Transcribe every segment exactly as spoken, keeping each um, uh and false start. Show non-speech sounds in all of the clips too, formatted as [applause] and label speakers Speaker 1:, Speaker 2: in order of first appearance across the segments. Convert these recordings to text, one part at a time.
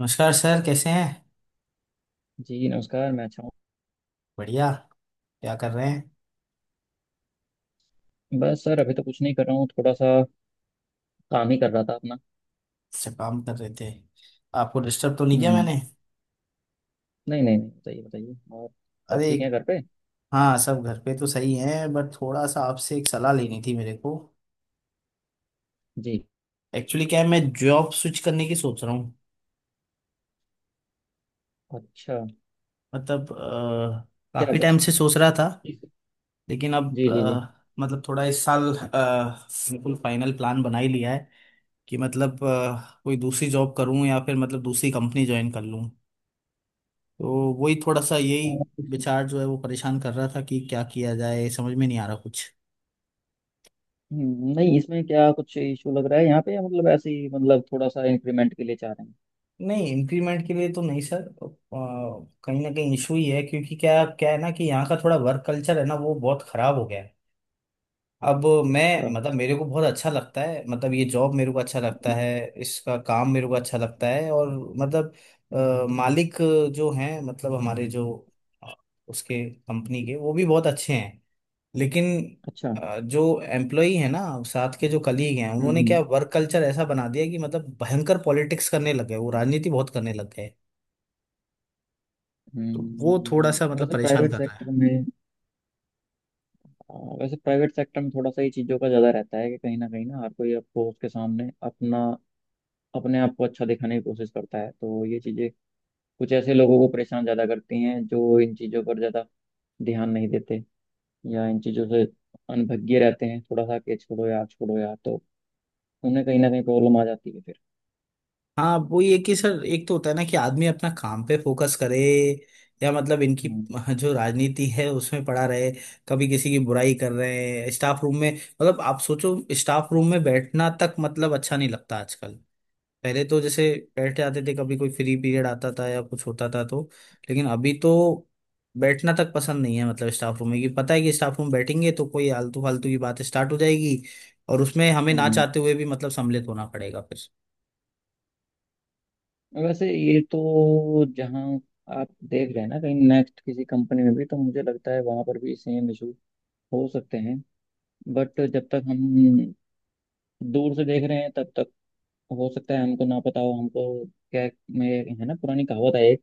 Speaker 1: नमस्कार सर, कैसे हैं?
Speaker 2: जी नमस्कार। मैं अच्छा हूँ।
Speaker 1: बढ़िया। क्या कर रहे हैं?
Speaker 2: बस सर अभी तो कुछ नहीं कर रहा हूँ, थोड़ा सा काम ही कर रहा था अपना।
Speaker 1: अच्छा, काम कर रहे थे। आपको डिस्टर्ब तो नहीं किया
Speaker 2: हम्म।
Speaker 1: मैंने?
Speaker 2: नहीं नहीं नहीं, बताइए बताइए और। सब
Speaker 1: अरे।
Speaker 2: ठीक है घर पे?
Speaker 1: हाँ, सब घर पे तो सही हैं, बट थोड़ा सा आपसे एक सलाह लेनी थी मेरे को।
Speaker 2: जी।
Speaker 1: एक्चुअली क्या है, मैं जॉब स्विच करने की सोच रहा हूँ।
Speaker 2: अच्छा।
Speaker 1: मतलब अ,
Speaker 2: क्या
Speaker 1: काफी
Speaker 2: ब-
Speaker 1: टाइम से सोच रहा था, लेकिन अब
Speaker 2: जी जी जी।
Speaker 1: अ, मतलब थोड़ा इस साल अ, बिल्कुल फाइनल प्लान बना ही लिया है कि मतलब अ, कोई दूसरी जॉब करूँ या फिर मतलब दूसरी कंपनी ज्वाइन कर लूँ। तो वही थोड़ा सा,
Speaker 2: अ,
Speaker 1: यही विचार जो है वो परेशान कर रहा था कि क्या किया जाए, समझ में नहीं आ रहा कुछ।
Speaker 2: हम्म, नहीं इसमें क्या कुछ इशू लग रहा है यहाँ पे, या मतलब ऐसे ही, मतलब थोड़ा सा इंक्रीमेंट के लिए चाह रहे हैं?
Speaker 1: नहीं, इंक्रीमेंट के लिए तो नहीं सर, अ, कहीं ना कहीं इशू ही है, क्योंकि क्या क्या है ना कि यहाँ का थोड़ा वर्क कल्चर है ना, वो बहुत खराब हो गया है। अब मैं
Speaker 2: अच्छा।
Speaker 1: मतलब मेरे को बहुत अच्छा लगता है, मतलब ये जॉब मेरे को अच्छा लगता
Speaker 2: हम्म।
Speaker 1: है। इसका काम मेरे को अच्छा लगता है, और मतलब अ, मालिक जो हैं, मतलब हमारे जो अ, उसके कंपनी के, वो भी बहुत अच्छे हैं। लेकिन
Speaker 2: अच्छा।
Speaker 1: अ, जो एम्प्लॉई है ना, साथ के जो कलीग हैं, उन्होंने
Speaker 2: हम्म
Speaker 1: क्या वर्क कल्चर ऐसा बना दिया कि मतलब भयंकर पॉलिटिक्स करने लग गए, वो राजनीति बहुत करने लग गए। तो
Speaker 2: हम्म।
Speaker 1: वो थोड़ा सा
Speaker 2: हम्म,
Speaker 1: मतलब
Speaker 2: वैसे
Speaker 1: परेशान
Speaker 2: प्राइवेट
Speaker 1: कर रहा है।
Speaker 2: सेक्टर में आ, वैसे प्राइवेट सेक्टर में थोड़ा सा ये चीज़ों का ज़्यादा रहता है कि कहीं ना कहीं ना हर कोई आपको उसके सामने अपना अपने आप को अच्छा दिखाने की कोशिश करता है। तो ये चीजें कुछ ऐसे लोगों को परेशान ज्यादा करती हैं जो इन चीजों पर ज्यादा ध्यान नहीं देते या इन चीजों से अनभिज्ञ रहते हैं, थोड़ा सा कि छोड़ो यार छोड़ो यार, तो उन्हें कहीं ना कहीं प्रॉब्लम आ जाती है फिर।
Speaker 1: हाँ, वो ये कि सर एक तो होता है ना कि आदमी अपना काम पे फोकस करे, या मतलब इनकी
Speaker 2: हम्म
Speaker 1: [laughs] जो राजनीति है उसमें पड़ा रहे। कभी किसी की बुराई कर रहे हैं स्टाफ रूम में, मतलब आप सोचो, स्टाफ रूम में बैठना तक मतलब अच्छा नहीं लगता आजकल। पहले तो जैसे बैठे आते थे, कभी कोई फ्री पीरियड आता था या कुछ होता था तो। लेकिन अभी तो बैठना तक पसंद नहीं है, मतलब स्टाफ रूम में, कि पता है कि स्टाफ रूम बैठेंगे तो कोई आलतू फालतू की बात स्टार्ट हो जाएगी, और उसमें हमें ना
Speaker 2: हम्म।
Speaker 1: चाहते हुए भी मतलब सम्मिलित होना पड़ेगा फिर।
Speaker 2: वैसे ये तो जहाँ आप देख रहे हैं ना, कहीं नेक्स्ट किसी कंपनी में भी, तो मुझे लगता है वहां पर भी सेम इशू हो सकते हैं। बट जब तक हम दूर से देख रहे हैं तब तक हो सकता है हमको ना पता हो, हमको क्या में है ना, पुरानी कहावत है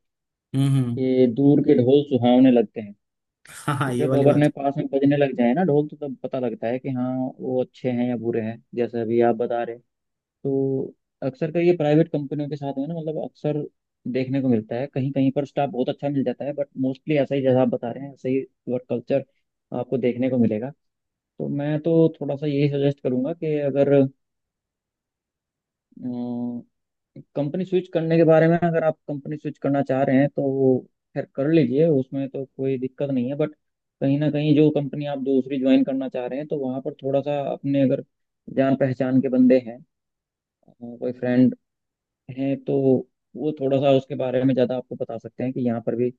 Speaker 1: हम्म, हम्म।
Speaker 2: कि दूर के ढोल सुहावने लगते हैं।
Speaker 1: [laughs] हाँ
Speaker 2: तो
Speaker 1: हाँ, ये
Speaker 2: जब
Speaker 1: वाली
Speaker 2: अपने
Speaker 1: बात।
Speaker 2: पास में बजने लग जाए ना ढोल तो तब पता लगता है कि हाँ वो अच्छे हैं या बुरे हैं, जैसे अभी आप बता रहे। तो अक्सर कर ये प्राइवेट कंपनियों के साथ में ना, मतलब अक्सर देखने को मिलता है। कहीं कहीं पर स्टाफ बहुत अच्छा मिल जाता है, बट मोस्टली ऐसा ही जैसा आप बता रहे हैं, ऐसा ही वर्क कल्चर आपको देखने को मिलेगा। तो मैं तो थोड़ा सा यही सजेस्ट करूंगा कि अगर कंपनी स्विच करने के बारे में, अगर आप कंपनी स्विच करना चाह रहे हैं तो खैर कर लीजिए, उसमें तो कोई दिक्कत नहीं है। बट कहीं ना कहीं जो कंपनी आप दूसरी ज्वाइन करना चाह रहे हैं, तो वहाँ पर थोड़ा सा अपने अगर जान पहचान के बंदे हैं, अ, कोई फ्रेंड हैं, तो वो थोड़ा सा उसके बारे में ज़्यादा आपको बता सकते हैं कि यहाँ पर भी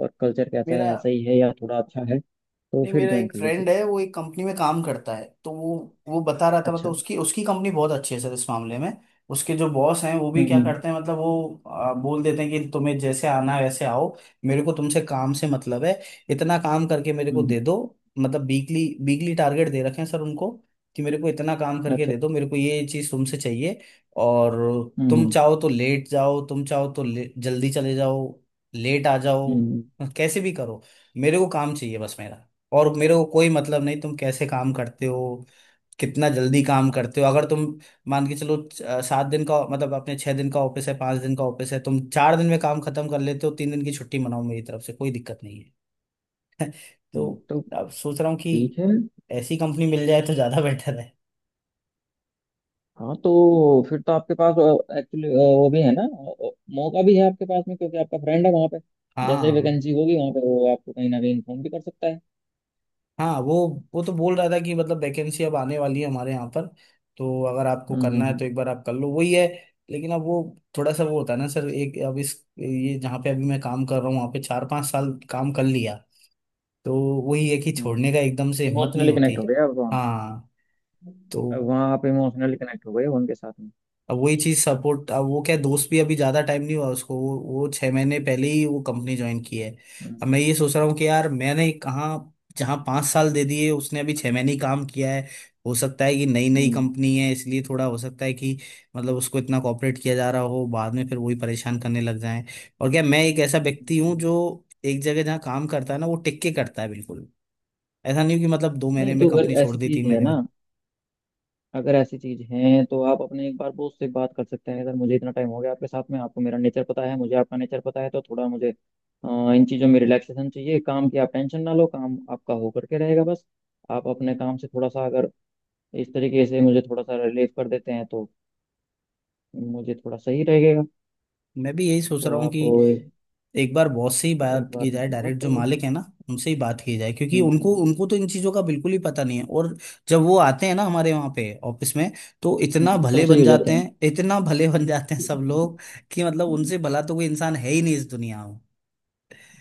Speaker 2: वर्क कल्चर कैसा है,
Speaker 1: मेरा
Speaker 2: ऐसा ही है या थोड़ा अच्छा है, तो
Speaker 1: नहीं,
Speaker 2: फिर
Speaker 1: मेरा
Speaker 2: ज्वाइन
Speaker 1: एक
Speaker 2: कर लीजिए।
Speaker 1: फ्रेंड है, वो एक कंपनी में काम करता है, तो वो वो बता रहा था,
Speaker 2: अच्छा।
Speaker 1: मतलब उसकी उसकी कंपनी बहुत अच्छी है सर इस मामले में। उसके जो बॉस हैं वो भी
Speaker 2: हम्म
Speaker 1: क्या
Speaker 2: हम्म।
Speaker 1: करते हैं, मतलब वो आ, बोल देते हैं कि तुम्हें जैसे आना है वैसे आओ। मेरे को तुमसे काम से मतलब है, इतना काम करके मेरे को
Speaker 2: हम्म,
Speaker 1: दे दो। मतलब वीकली वीकली टारगेट दे रखे हैं सर उनको कि मेरे को इतना काम करके
Speaker 2: अच्छा
Speaker 1: दे दो,
Speaker 2: अच्छा।
Speaker 1: मेरे को ये चीज़ तुमसे चाहिए। और
Speaker 2: हम्म
Speaker 1: तुम
Speaker 2: हम्म।
Speaker 1: चाहो तो लेट जाओ, तुम चाहो तो ले- जल्दी चले जाओ, लेट आ जाओ,
Speaker 2: हम्म,
Speaker 1: कैसे भी करो। मेरे को काम चाहिए बस मेरा। और मेरे को कोई मतलब नहीं तुम कैसे काम करते हो, कितना जल्दी काम करते हो। अगर तुम मान के चलो च- अ, सात दिन का मतलब अपने छह दिन का ऑफिस है, पांच दिन का ऑफिस है, तुम चार दिन में काम खत्म कर लेते हो, तीन दिन की छुट्टी मनाओ, मेरी तरफ से कोई दिक्कत नहीं है। [laughs] तो
Speaker 2: हम्म, तो
Speaker 1: अब सोच रहा हूँ कि
Speaker 2: ठीक है।
Speaker 1: ऐसी कंपनी मिल जाए तो ज्यादा [laughs] बेटर है।
Speaker 2: हाँ तो फिर तो आपके पास एक्चुअली वो भी है ना, अ, मौका भी है आपके पास में, क्योंकि आपका फ्रेंड है वहाँ पे। जैसे ही
Speaker 1: हाँ
Speaker 2: वैकेंसी होगी वहाँ पे, वो आपको कहीं ना कहीं इन्फॉर्म भी कर सकता है।
Speaker 1: हाँ, वो वो तो बोल रहा था कि मतलब वैकेंसी अब आने वाली है हमारे यहाँ पर, तो अगर आपको करना है
Speaker 2: हम्म
Speaker 1: तो एक बार आप कर लो, वही है। लेकिन अब वो थोड़ा सा, वो होता है ना सर, एक अब इस, ये जहाँ पे अभी मैं काम कर रहा हूँ वहाँ पे चार पांच साल काम कर लिया, तो वही है कि
Speaker 2: हम्म।
Speaker 1: छोड़ने का एकदम से हिम्मत नहीं
Speaker 2: इमोशनली
Speaker 1: होती।
Speaker 2: कनेक्ट हो गया अब वहाँ।
Speaker 1: हाँ, तो
Speaker 2: अब वहाँ आप इमोशनली कनेक्ट हो गए हो उनके साथ में।
Speaker 1: अब वही चीज सपोर्ट, अब वो क्या दोस्त भी अभी ज्यादा टाइम नहीं हुआ उसको, वो वो छह महीने पहले ही वो कंपनी ज्वाइन की है। अब मैं
Speaker 2: हम्म।
Speaker 1: ये सोच रहा हूँ कि यार मैंने कहाँ, जहाँ पाँच साल दे दिए, उसने अभी छह महीने ही काम किया है। हो सकता है कि नई नई
Speaker 2: हम्म
Speaker 1: कंपनी है इसलिए थोड़ा, हो सकता है कि मतलब उसको इतना कॉपरेट किया जा रहा हो, बाद में फिर वही परेशान करने लग जाएं। और क्या, मैं एक ऐसा व्यक्ति हूँ
Speaker 2: हम्म,
Speaker 1: जो एक जगह जहाँ काम करता है ना वो टिक के करता है बिल्कुल। ऐसा नहीं कि मतलब दो महीने
Speaker 2: नहीं
Speaker 1: में
Speaker 2: तो अगर
Speaker 1: कंपनी छोड़
Speaker 2: ऐसी
Speaker 1: दी,
Speaker 2: चीज
Speaker 1: तीन
Speaker 2: है
Speaker 1: महीने
Speaker 2: ना,
Speaker 1: में।
Speaker 2: अगर ऐसी चीज है तो आप अपने एक बार बॉस से बात कर सकते हैं। अगर मुझे इतना टाइम हो गया आपके साथ में, आपको मेरा नेचर पता है, मुझे आपका नेचर पता है, तो थोड़ा मुझे अ, इन चीज़ों में रिलैक्सेशन चाहिए। काम की आप टेंशन ना लो, काम आपका हो करके रहेगा, बस आप अपने काम से थोड़ा सा अगर इस तरीके से मुझे थोड़ा सा रिलीफ कर देते हैं तो मुझे थोड़ा सही रहेगा।
Speaker 1: मैं भी यही सोच
Speaker 2: तो
Speaker 1: रहा हूँ कि
Speaker 2: आप एक,
Speaker 1: एक बार बॉस से ही
Speaker 2: एक
Speaker 1: बात की
Speaker 2: बार
Speaker 1: जाए,
Speaker 2: मुझसे बात
Speaker 1: डायरेक्ट जो
Speaker 2: कर लीजिए।
Speaker 1: मालिक है ना उनसे ही बात की जाए, क्योंकि
Speaker 2: हम्म
Speaker 1: उनको
Speaker 2: हम्म।
Speaker 1: उनको तो इन चीज़ों का बिल्कुल ही पता नहीं है। और जब वो आते हैं ना हमारे वहाँ पे ऑफिस में, तो
Speaker 2: हम्म,
Speaker 1: इतना
Speaker 2: तो सब
Speaker 1: भले
Speaker 2: सही
Speaker 1: बन
Speaker 2: हो जाते
Speaker 1: जाते
Speaker 2: हैं।
Speaker 1: हैं, इतना भले बन जाते हैं
Speaker 2: हम्म
Speaker 1: सब लोग, कि मतलब
Speaker 2: हम्म।
Speaker 1: उनसे भला तो कोई इंसान है ही नहीं इस दुनिया में।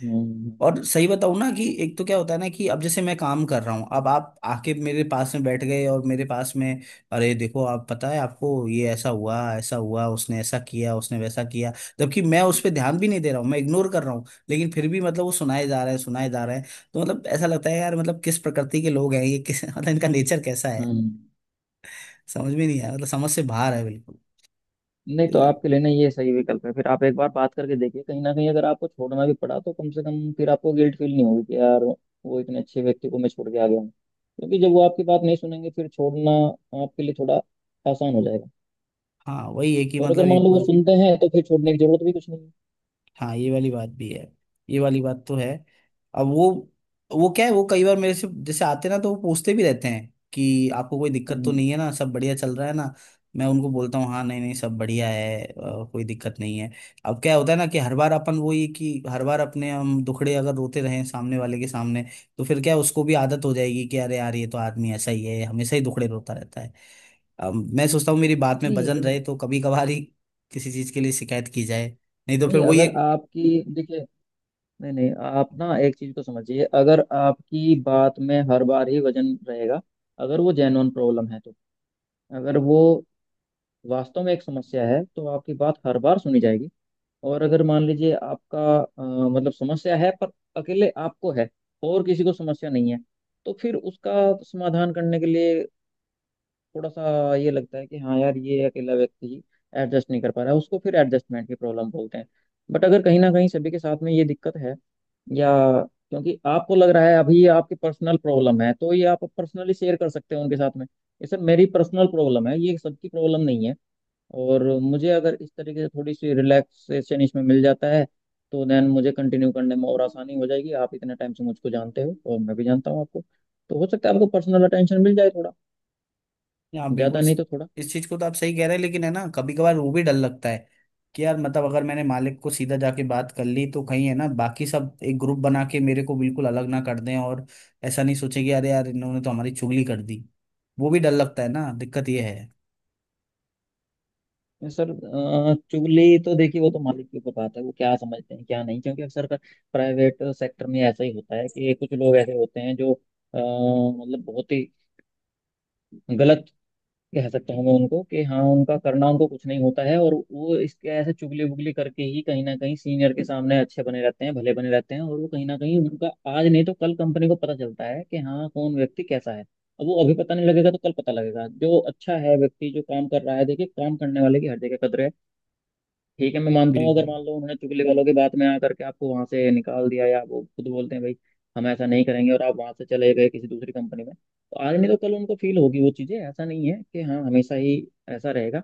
Speaker 2: हम्म
Speaker 1: और सही बताऊं ना कि एक तो क्या होता है ना, कि अब जैसे मैं काम कर रहा हूँ, अब आप आके मेरे पास में बैठ गए, और मेरे पास में, अरे देखो आप, पता है आपको, ये ऐसा हुआ ऐसा हुआ, उसने ऐसा किया, उसने वैसा किया। जबकि मैं उस पर ध्यान भी नहीं दे रहा हूँ, मैं इग्नोर कर रहा हूँ, लेकिन फिर भी मतलब वो सुनाए जा रहे हैं, सुनाए जा रहे हैं। तो मतलब ऐसा लगता है यार, मतलब किस प्रकृति के लोग हैं ये, किस [laughs] मतलब इनका नेचर कैसा है,
Speaker 2: हम्म।
Speaker 1: समझ में नहीं आया, मतलब समझ से बाहर है बिल्कुल।
Speaker 2: नहीं
Speaker 1: तो
Speaker 2: तो
Speaker 1: ये-
Speaker 2: आपके लिए ना ये सही विकल्प है। फिर आप एक बार बात करके देखिए, कहीं ना कहीं अगर आपको छोड़ना भी पड़ा तो कम से कम फिर आपको गिल्ट फील नहीं होगी कि यार वो इतने अच्छे व्यक्ति को मैं छोड़ के आ गया हूँ। क्योंकि जब वो आपकी बात नहीं सुनेंगे फिर छोड़ना आपके लिए थोड़ा आसान हो जाएगा।
Speaker 1: हाँ, वही है कि
Speaker 2: और अगर
Speaker 1: मतलब
Speaker 2: मान
Speaker 1: एक
Speaker 2: लो वो
Speaker 1: बार।
Speaker 2: सुनते हैं तो फिर छोड़ने की जरूरत भी कुछ नहीं है।
Speaker 1: हाँ, ये वाली बात भी है। ये वाली बात तो है। अब वो वो क्या है, वो कई बार मेरे से जैसे आते ना तो वो पूछते भी रहते हैं कि आपको कोई दिक्कत तो
Speaker 2: हम्म।
Speaker 1: नहीं है ना, सब बढ़िया चल रहा है ना। मैं उनको बोलता हूँ, हाँ, नहीं नहीं, सब बढ़िया है, अ, कोई दिक्कत नहीं है। अब क्या होता है ना कि हर बार अपन वो, ये कि हर बार अपने हम दुखड़े अगर रोते रहें सामने वाले के सामने, तो फिर क्या है, उसको भी आदत हो जाएगी कि अरे यार ये तो आदमी ऐसा ही है, हमेशा ही दुखड़े रोता रहता है। अब मैं सोचता हूँ मेरी बात में
Speaker 2: नहीं
Speaker 1: वजन रहे तो कभी कभार ही किसी चीज के लिए शिकायत की जाए, नहीं तो फिर
Speaker 2: नहीं
Speaker 1: वही
Speaker 2: अगर
Speaker 1: एक।
Speaker 2: आपकी देखिए, नहीं नहीं आप ना एक चीज को समझिए, अगर आपकी बात में हर बार ही वजन रहेगा, अगर वो जेन्युइन प्रॉब्लम है तो, अगर वो वास्तव में एक समस्या है तो आपकी बात हर बार सुनी जाएगी। और अगर मान लीजिए आपका अ, मतलब समस्या है पर अकेले आपको है और किसी को समस्या नहीं है, तो फिर उसका समाधान करने के लिए थोड़ा सा ये लगता है कि हाँ यार ये अकेला व्यक्ति ही एडजस्ट नहीं कर पा रहा है, उसको फिर एडजस्टमेंट की प्रॉब्लम बोलते हैं। बट अगर कहीं ना कहीं सभी के साथ में ये दिक्कत है, या क्योंकि आपको लग रहा है अभी ये आपकी पर्सनल प्रॉब्लम है, तो ये आप पर्सनली शेयर कर सकते हैं उनके साथ में ये सर मेरी पर्सनल प्रॉब्लम है, ये सबकी प्रॉब्लम नहीं है। और मुझे अगर इस तरीके से थोड़ी सी रिलैक्सेशन इसमें मिल जाता है तो देन मुझे कंटिन्यू करने में और आसानी हो जाएगी। आप इतने टाइम से मुझको जानते हो और मैं भी जानता हूँ आपको, तो हो सकता है आपको पर्सनल अटेंशन मिल जाए थोड़ा।
Speaker 1: हाँ, बिल्कुल,
Speaker 2: ज्यादा नहीं
Speaker 1: स-
Speaker 2: तो थोड़ा।
Speaker 1: इस चीज को तो आप सही कह रहे हैं, लेकिन है ना, कभी कभार वो भी डर लगता है कि यार मतलब अगर मैंने मालिक को सीधा जाके बात कर ली, तो कहीं है ना, बाकी सब एक ग्रुप बना के मेरे को बिल्कुल अलग ना कर दें, और ऐसा नहीं सोचे कि अरे यार इन्होंने तो हमारी चुगली कर दी, वो भी डर लगता है ना, दिक्कत ये है।
Speaker 2: सर अ, चुगली तो देखिए वो तो मालिक के ऊपर बात है, वो क्या समझते हैं क्या नहीं। क्योंकि अक्सर का प्राइवेट सेक्टर में ऐसा ही होता है कि कुछ लोग ऐसे होते हैं जो अ, मतलब बहुत ही गलत, कह सकता हूँ मैं उनको कि हाँ, उनका करना उनको कुछ नहीं होता है और वो इसके ऐसे चुगली वुगली करके ही कहीं ना कहीं सीनियर के सामने अच्छे बने रहते हैं, भले बने रहते हैं। और वो कहीं ना कहीं उनका आज नहीं तो कल कंपनी को पता चलता है कि हाँ कौन व्यक्ति कैसा है। अब वो अभी पता नहीं लगेगा तो कल पता लगेगा। जो अच्छा है व्यक्ति, जो काम कर रहा है, देखिए काम करने वाले की हर जगह कदर है। ठीक है मैं मानता हूँ अगर
Speaker 1: बिल्कुल।
Speaker 2: मान लो उन्होंने चुगली वालों की बात में आकर के आपको वहां से निकाल दिया, या वो खुद बोलते हैं भाई हम ऐसा नहीं करेंगे और आप वहां से चले गए किसी दूसरी कंपनी में, तो आज नहीं तो कल उनको फील होगी वो चीजें। ऐसा नहीं है कि हाँ हमेशा ही ऐसा रहेगा।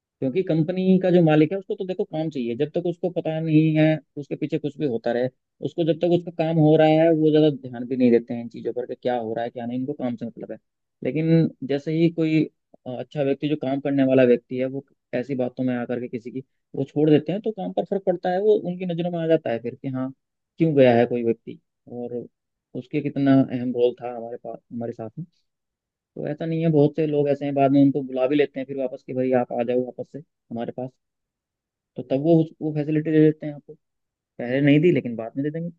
Speaker 2: क्योंकि कंपनी का जो मालिक है उसको तो देखो काम चाहिए। जब तक उसको पता नहीं है, उसके पीछे कुछ भी होता रहे, उसको जब तक उसका काम हो रहा है वो ज्यादा ध्यान भी नहीं देते हैं इन चीजों पर कि क्या हो रहा है क्या नहीं। इनको काम से मतलब है। लेकिन जैसे ही कोई अ, अच्छा व्यक्ति, जो काम करने वाला व्यक्ति है, वो ऐसी बातों में आकर के किसी की वो छोड़ देते हैं तो काम पर फर्क पड़ता है, वो उनकी नजरों में आ जाता है फिर कि हाँ क्यों गया है कोई व्यक्ति और उसके कितना अहम रोल था हमारे पास, हमारे साथ में। तो ऐसा नहीं है, बहुत से लोग ऐसे हैं बाद में उनको बुला भी लेते हैं फिर वापस कि भाई आप आ जाओ वापस से हमारे पास। तो तब वो उस- वो फैसिलिटी दे देते हैं आपको, पहले नहीं दी लेकिन बाद में दे देंगे।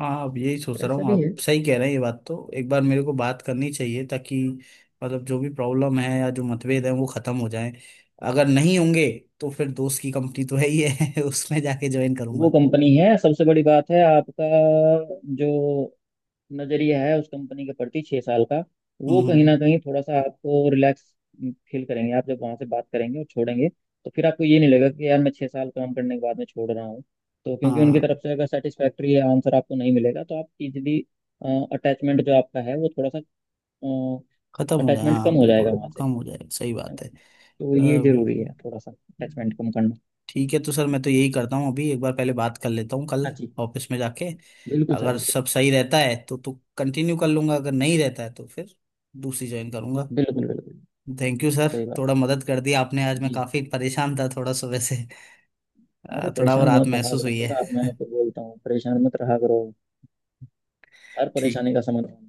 Speaker 1: हाँ, अब यही सोच
Speaker 2: तो
Speaker 1: रहा
Speaker 2: ऐसा
Speaker 1: हूँ,
Speaker 2: भी है।
Speaker 1: आप सही कह रहे हैं, ये बात तो, एक बार मेरे को बात करनी चाहिए ताकि मतलब जो भी प्रॉब्लम है या जो मतभेद है वो खत्म हो जाए। अगर नहीं होंगे तो फिर दोस्त की कंपनी तो है ही है [laughs] उसमें जाके ज्वाइन
Speaker 2: वो
Speaker 1: करूंगा।
Speaker 2: कंपनी है सबसे बड़ी बात है आपका जो नजरिया है उस कंपनी के प्रति, छह साल का,
Speaker 1: हम्म,
Speaker 2: वो कहीं ना
Speaker 1: हम्म।
Speaker 2: कहीं थोड़ा सा आपको रिलैक्स फील करेंगे आप जब वहां से बात करेंगे और छोड़ेंगे। तो फिर आपको ये नहीं लगेगा कि यार मैं छह साल काम करने के बाद में छोड़ रहा हूँ। तो क्योंकि उनकी
Speaker 1: हाँ,
Speaker 2: तरफ से अगर सेटिस्फैक्ट्री आंसर आपको नहीं मिलेगा तो आप इजिली अटैचमेंट जो आपका है वो थोड़ा सा,
Speaker 1: खत्म हो जाए,
Speaker 2: अटैचमेंट कम
Speaker 1: हाँ
Speaker 2: हो जाएगा
Speaker 1: बिल्कुल
Speaker 2: वहां से,
Speaker 1: कम हो जाए, सही
Speaker 2: है
Speaker 1: बात
Speaker 2: ना।
Speaker 1: है, अ,
Speaker 2: तो ये जरूरी
Speaker 1: बिल्कुल।
Speaker 2: है थोड़ा सा अटैचमेंट कम करना।
Speaker 1: ठीक है, तो सर मैं तो यही करता हूँ, अभी एक बार पहले बात कर लेता हूँ कल
Speaker 2: हाँ जी।
Speaker 1: ऑफिस में जाके।
Speaker 2: बिल्कुल सर
Speaker 1: अगर
Speaker 2: बिल्कुल।
Speaker 1: सब सही रहता है तो तो कंटिन्यू कर लूंगा, अगर नहीं रहता है तो फिर दूसरी ज्वाइन करूंगा।
Speaker 2: बिल्कुल बिल्कुल।
Speaker 1: थैंक यू सर,
Speaker 2: सही बात
Speaker 1: थोड़ा
Speaker 2: है।
Speaker 1: मदद कर दी आपने, आज मैं
Speaker 2: जी।
Speaker 1: काफी परेशान था, थोड़ा सुबह से
Speaker 2: अरे
Speaker 1: अ, थोड़ा वो
Speaker 2: परेशान
Speaker 1: रात
Speaker 2: मत रहा
Speaker 1: महसूस
Speaker 2: करो
Speaker 1: हुई
Speaker 2: सर
Speaker 1: है।
Speaker 2: आप, मैं आपको बोलता हूँ परेशान मत रहा करो। हर
Speaker 1: ठीक,
Speaker 2: परेशानी का समाधान।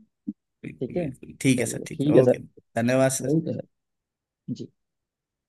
Speaker 1: बिल्कुल
Speaker 2: ठीक है।
Speaker 1: बिल्कुल, ठीक है सर,
Speaker 2: चलिए
Speaker 1: ठीक है,
Speaker 2: ठीक है सर।
Speaker 1: ओके। धन्यवाद सर।
Speaker 2: Okay sir. जी।